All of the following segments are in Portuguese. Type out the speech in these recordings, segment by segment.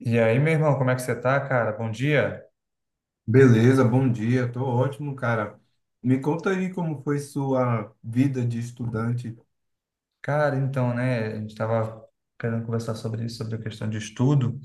E aí, meu irmão, como é que você tá, cara? Bom dia. Beleza, bom dia, tô ótimo, cara. Me conta aí como foi sua vida de estudante. Cara, então, né, a gente tava querendo conversar sobre isso, sobre a questão de estudo.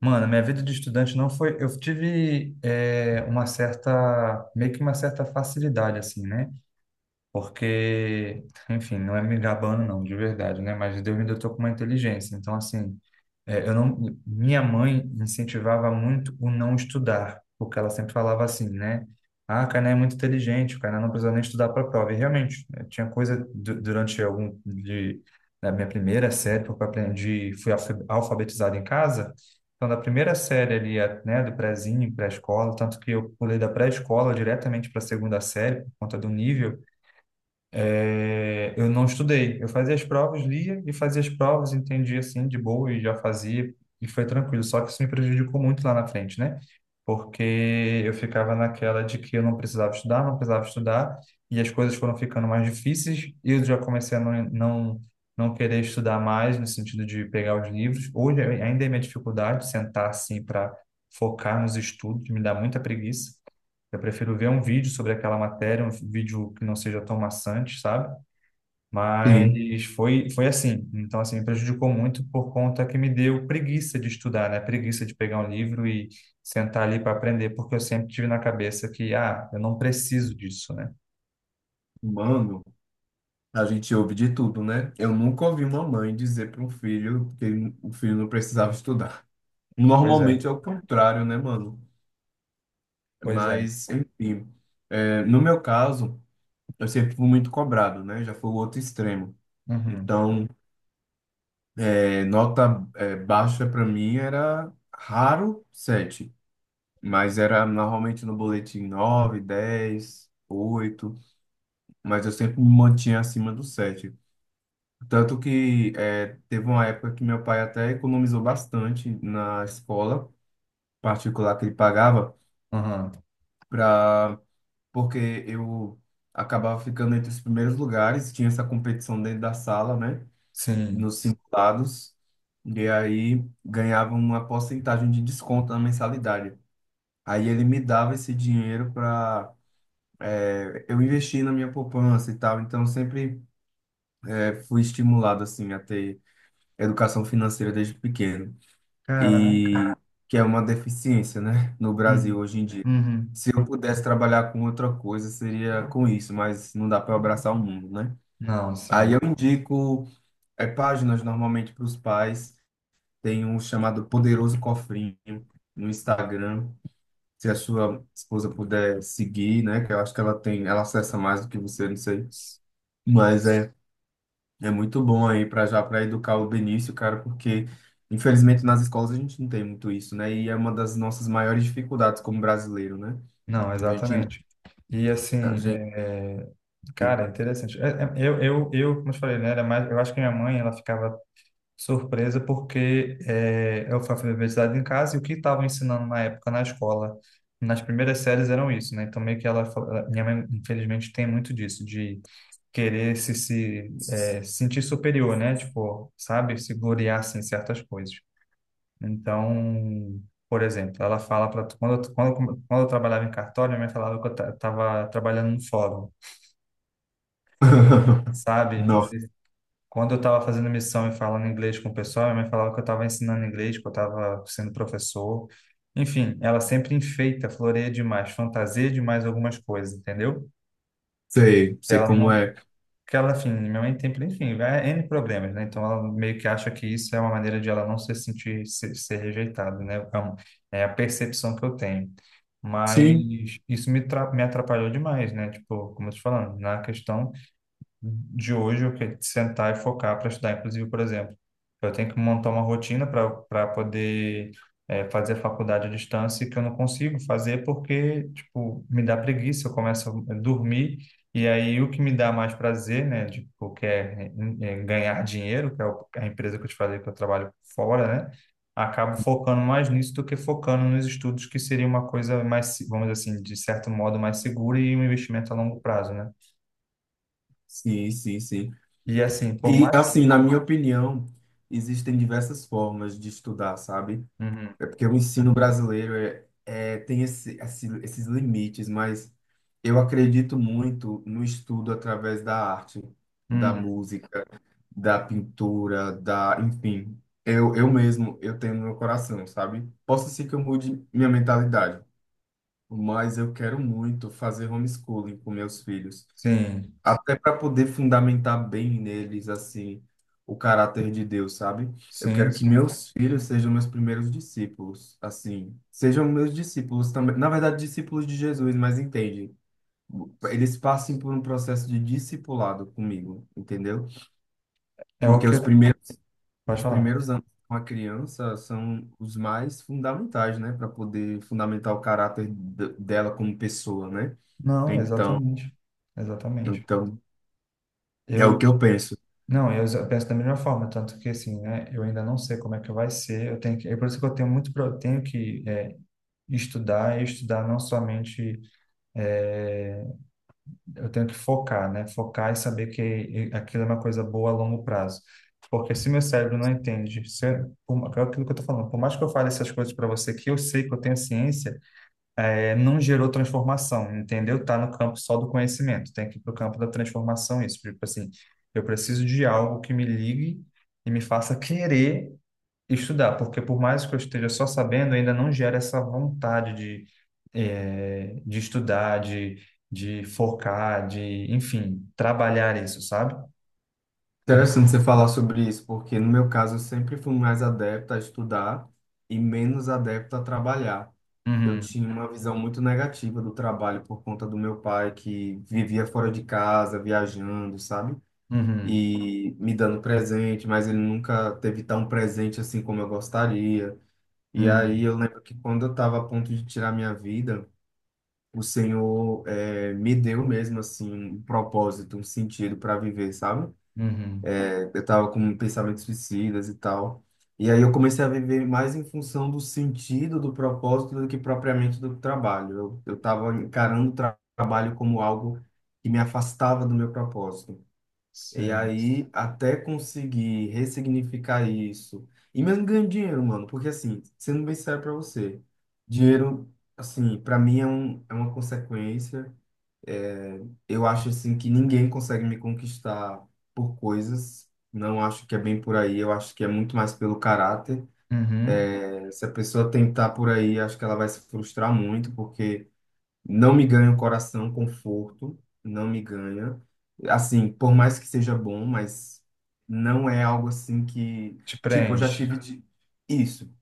Mano, minha vida de estudante não foi... Eu tive uma certa... meio que uma certa facilidade, assim, né? Porque, enfim, não é me gabando, não, de verdade, né? Mas Deus me dotou com uma inteligência. Então, assim, É, eu não, minha mãe incentivava muito o não estudar, porque ela sempre falava assim, né? Ah, o Kainan é muito inteligente, o Kainan não precisa nem estudar para a prova. E realmente, né, tinha coisa durante algum de, da minha primeira série, porque eu aprendi, fui alfabetizado em casa. Então, da primeira série ali, né, do prézinho, pré-escola, tanto que eu pulei da pré-escola diretamente para a segunda série, por conta do nível. É, eu não estudei. Eu fazia as provas, lia e fazia as provas, entendia assim de boa e já fazia e foi tranquilo. Só que isso me prejudicou muito lá na frente, né? Porque eu ficava naquela de que eu não precisava estudar, não precisava estudar e as coisas foram ficando mais difíceis e eu já comecei a não querer estudar mais no sentido de pegar os livros. Hoje ainda é minha dificuldade sentar assim para focar nos estudos, me dá muita preguiça. Eu prefiro ver um vídeo sobre aquela matéria, um vídeo que não seja tão maçante, sabe? Sim. Mas foi assim. Então, assim, me prejudicou muito por conta que me deu preguiça de estudar, né? Preguiça de pegar um livro e sentar ali para aprender, porque eu sempre tive na cabeça que, ah, eu não preciso disso, né? Mano, a gente ouve de tudo, né? Eu nunca ouvi uma mãe dizer para um filho que o filho não precisava estudar. Pois é, Normalmente é o contrário, né, mano? pois é. Mas, enfim, no meu caso, eu sempre fui muito cobrado, né? Já foi o outro extremo. Uhum, Então, nota, baixa para mim era raro sete. Mas era normalmente no boletim 9, 10, 8, mas eu sempre me mantinha acima do sete. Tanto que teve uma época que meu pai até economizou bastante na escola particular que ele pagava, uhum, pra, porque eu acabava ficando entre os primeiros lugares, tinha essa competição dentro da sala, né, sim. nos simulados, e aí ganhava uma porcentagem de desconto na mensalidade. Aí ele me dava esse dinheiro para eu investi na minha poupança e tal, então sempre fui estimulado assim a ter educação financeira desde pequeno e Caraca. que é uma deficiência, né, no Brasil Uhum, hoje em dia. uhum. Se eu pudesse trabalhar com outra coisa seria com isso, mas não dá para abraçar o mundo, né? Não, Aí sim. eu indico páginas normalmente para os pais, tem um chamado Poderoso Cofrinho no Instagram. Se a sua esposa puder seguir, né? Que eu acho que ela tem, ela acessa mais do que você, não sei. Mas é é muito bom aí para já para educar o Benício, cara, porque infelizmente nas escolas a gente não tem muito isso, né? E é uma das nossas maiores dificuldades como brasileiro, né? Não, A gente, exatamente. E a assim, gente... cara, é interessante. Eu, eu como eu te falei, né, era mais, eu acho que minha mãe, ela ficava surpresa porque eu fui alfabetizado em casa e o que estavam ensinando na época na escola, nas primeiras séries eram isso, né? Então meio que minha mãe, infelizmente, tem muito disso, de querer se, se é, sentir superior, né? Tipo, sabe? Se gloriar, assim, em certas coisas. Então, por exemplo, ela fala para quando eu trabalhava em cartório, minha mãe falava que eu estava trabalhando no fórum, sabe? Não, Quando eu estava fazendo missão e falando inglês com o pessoal, minha mãe falava que eu estava ensinando inglês, que eu estava sendo professor. Enfim, ela sempre enfeita, floreia demais, fantasia demais algumas coisas, entendeu? sei, sei Ela como não. é. Que ela, enfim, minha mãe tem, enfim, N problemas, né? Então ela meio que acha que isso é uma maneira de ela não se sentir, ser rejeitada, né? É a percepção que eu tenho. Sim, Mas isso me atrapalhou demais, né? Tipo, como eu tô te falando, na questão de hoje eu quero sentar e focar para estudar. Inclusive, por exemplo, eu tenho que montar uma rotina para poder fazer faculdade à distância que eu não consigo fazer porque, tipo, me dá preguiça, eu começo a dormir e aí o que me dá mais prazer, né, tipo, que é, ganhar dinheiro, a empresa que eu te falei que eu trabalho fora, né, acabo focando mais nisso do que focando nos estudos, que seria uma coisa mais, vamos dizer assim, de certo modo mais segura e um investimento a longo prazo, né? sim, sim, sim. E assim, por E mais assim, na minha opinião, existem diversas formas de estudar, sabe? uhum, É porque o ensino brasileiro tem esses limites, mas eu acredito muito no estudo através da arte, da uhum. música, da pintura, da, enfim. Eu mesmo, eu tenho no meu coração, sabe? Posso ser que eu mude minha mentalidade, mas eu quero muito fazer homeschooling com meus filhos. Sim, Até para poder fundamentar bem neles, assim, o caráter de Deus, sabe? Eu sim, quero que sim. meus filhos sejam meus primeiros discípulos, assim, sejam meus discípulos também, na verdade, discípulos de Jesus, mas entende? Eles passem por um processo de discipulado comigo, entendeu? É o Porque que eu... Pode os falar. primeiros anos com a criança são os mais fundamentais, né, para poder fundamentar o caráter dela como pessoa, né? Não, Então, exatamente. Exatamente. então, é o Eu, que eu penso. não, eu penso da mesma forma, tanto que assim, né, eu ainda não sei como é que vai ser, eu tenho que, é por isso que eu tenho muito, eu tenho que estudar, e estudar não somente, é, eu tenho que focar, né, focar e saber que aquilo é uma coisa boa a longo prazo, porque se meu cérebro não entende, se, eu- por, é aquilo que eu tô falando, por mais que eu fale essas coisas para você, que eu sei que eu tenho ciência, é, não gerou transformação, entendeu? Tá no campo só do conhecimento, tem que ir para o campo da transformação isso. Tipo assim, eu preciso de algo que me ligue e me faça querer estudar, porque por mais que eu esteja só sabendo, ainda não gera essa vontade de, é, de estudar, de focar, de, enfim, trabalhar isso, sabe? Interessante você falar sobre isso, porque no meu caso eu sempre fui mais adepto a estudar e menos adepto a trabalhar. Eu Uhum, tinha uma visão muito negativa do trabalho por conta do meu pai que vivia fora de casa, viajando, sabe? uhum, E me dando presente, mas ele nunca teve tão presente assim como eu gostaria. E aí uhum, eu lembro que quando eu estava a ponto de tirar minha vida, o Senhor me deu mesmo assim um propósito, um sentido para viver, sabe? uhum, Eu tava com pensamentos suicidas e tal. E aí eu comecei a viver mais em função do sentido, do propósito, do que propriamente do trabalho. Eu tava encarando o trabalho como algo que me afastava do meu propósito. E sim, aí, até conseguir ressignificar isso. E mesmo ganhando dinheiro, mano. Porque, assim, sendo bem sério pra você, dinheiro, assim, pra mim é uma consequência. É, eu acho assim que ninguém consegue me conquistar por coisas. Não acho que é bem por aí. Eu acho que é muito mais pelo caráter. uhum. Se a pessoa tentar por aí, acho que ela vai se frustrar muito, porque não me ganha o coração, conforto, não me ganha. Assim, por mais que seja bom, mas não é algo assim que, Te tipo, eu já preenche. tive de... isso.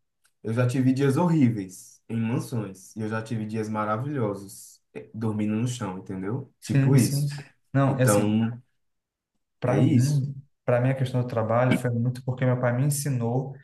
Eu já tive dias horríveis em mansões e eu já tive dias maravilhosos dormindo no chão, entendeu? Tipo Sim, isso. sim. Não, é assim, Então, é para isso. mim, para mim, a questão do trabalho foi muito porque meu pai me ensinou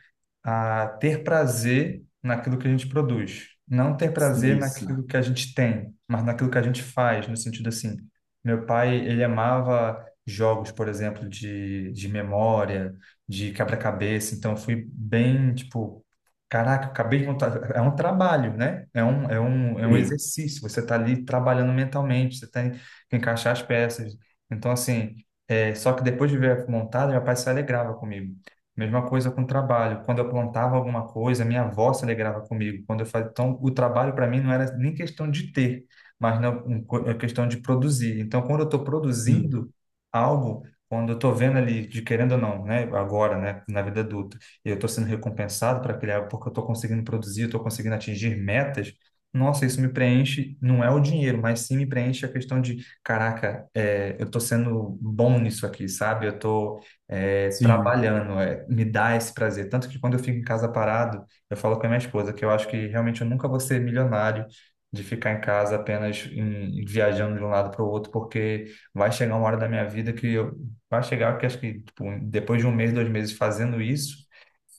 a ter prazer naquilo que a gente produz. Não ter prazer Sim, naquilo sim, que a gente tem, mas naquilo que a gente faz, no sentido assim. Meu pai, ele amava jogos, por exemplo, de memória, de quebra-cabeça, então eu fui bem, tipo, caraca, acabei de montar. É um trabalho, né? É um sim, exercício. Você está ali trabalhando mentalmente, você tem que encaixar as peças. Então, assim, é, só que depois de ver montada, meu pai se alegrava comigo. Mesma coisa com o trabalho. Quando eu plantava alguma coisa, minha avó se alegrava comigo. Quando eu fazia, então, o trabalho para mim não era nem questão de ter, mas não, é questão de produzir. Então, quando eu estou sim, produzindo algo, quando eu estou vendo ali, de querendo ou não, né, agora, né, na vida adulta, e eu estou sendo recompensado para aquele algo porque eu estou conseguindo produzir, eu estou conseguindo atingir metas. Nossa, isso me preenche, não é o dinheiro, mas sim me preenche a questão de, caraca, é, eu estou sendo bom nisso aqui, sabe? Eu estou é, sim, trabalhando, é, me dá esse prazer. Tanto que quando eu fico em casa parado, eu falo com a minha esposa que eu acho que realmente eu nunca vou ser milionário de ficar em casa apenas viajando de um lado para o outro, porque vai chegar uma hora da minha vida que eu, vai chegar que acho que tipo, depois de um mês, dois meses fazendo isso,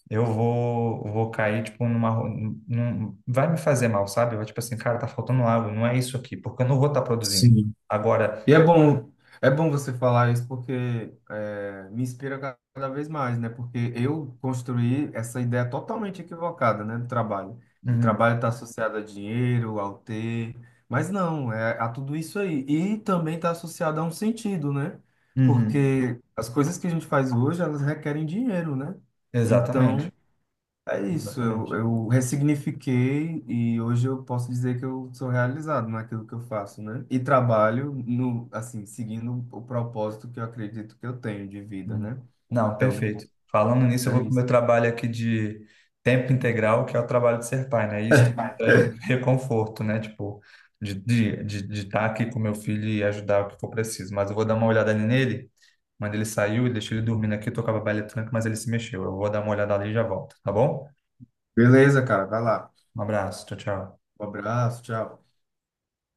vou cair, tipo, num, vai me fazer mal, sabe? Vai, tipo assim, cara, tá faltando algo, não é isso aqui, porque eu não vou estar produzindo. sim. Agora, E é bom você falar isso porque é, me inspira cada vez mais, né? Porque eu construí essa ideia totalmente equivocada, né, do trabalho. Que uhum, trabalho está associado a dinheiro, ao ter, mas não, é a tudo isso aí. E também está associado a um sentido, né? uhum, Porque as coisas que a gente faz hoje, elas requerem dinheiro, né? Então, exatamente, é isso, exatamente. eu ressignifiquei e hoje eu posso dizer que eu sou realizado naquilo que eu faço, né? E trabalho no, assim, seguindo o propósito que eu acredito que eu tenho de vida, Hum. né? Não, Então, perfeito. Falando nisso, eu vou é para o isso. meu trabalho aqui de tempo integral, que é o trabalho de ser pai, né? E isso me traz muito reconforto, né? Tipo, de de estar aqui com meu filho e ajudar o que for preciso. Mas eu vou dar uma olhada nele. Quando ele saiu, eu deixei ele dormindo aqui, eu tocava baile funk, mas ele se mexeu. Eu vou dar uma olhada ali e já volto, tá bom? Beleza, cara, vai lá. Um abraço, tchau, tchau. Um abraço, tchau.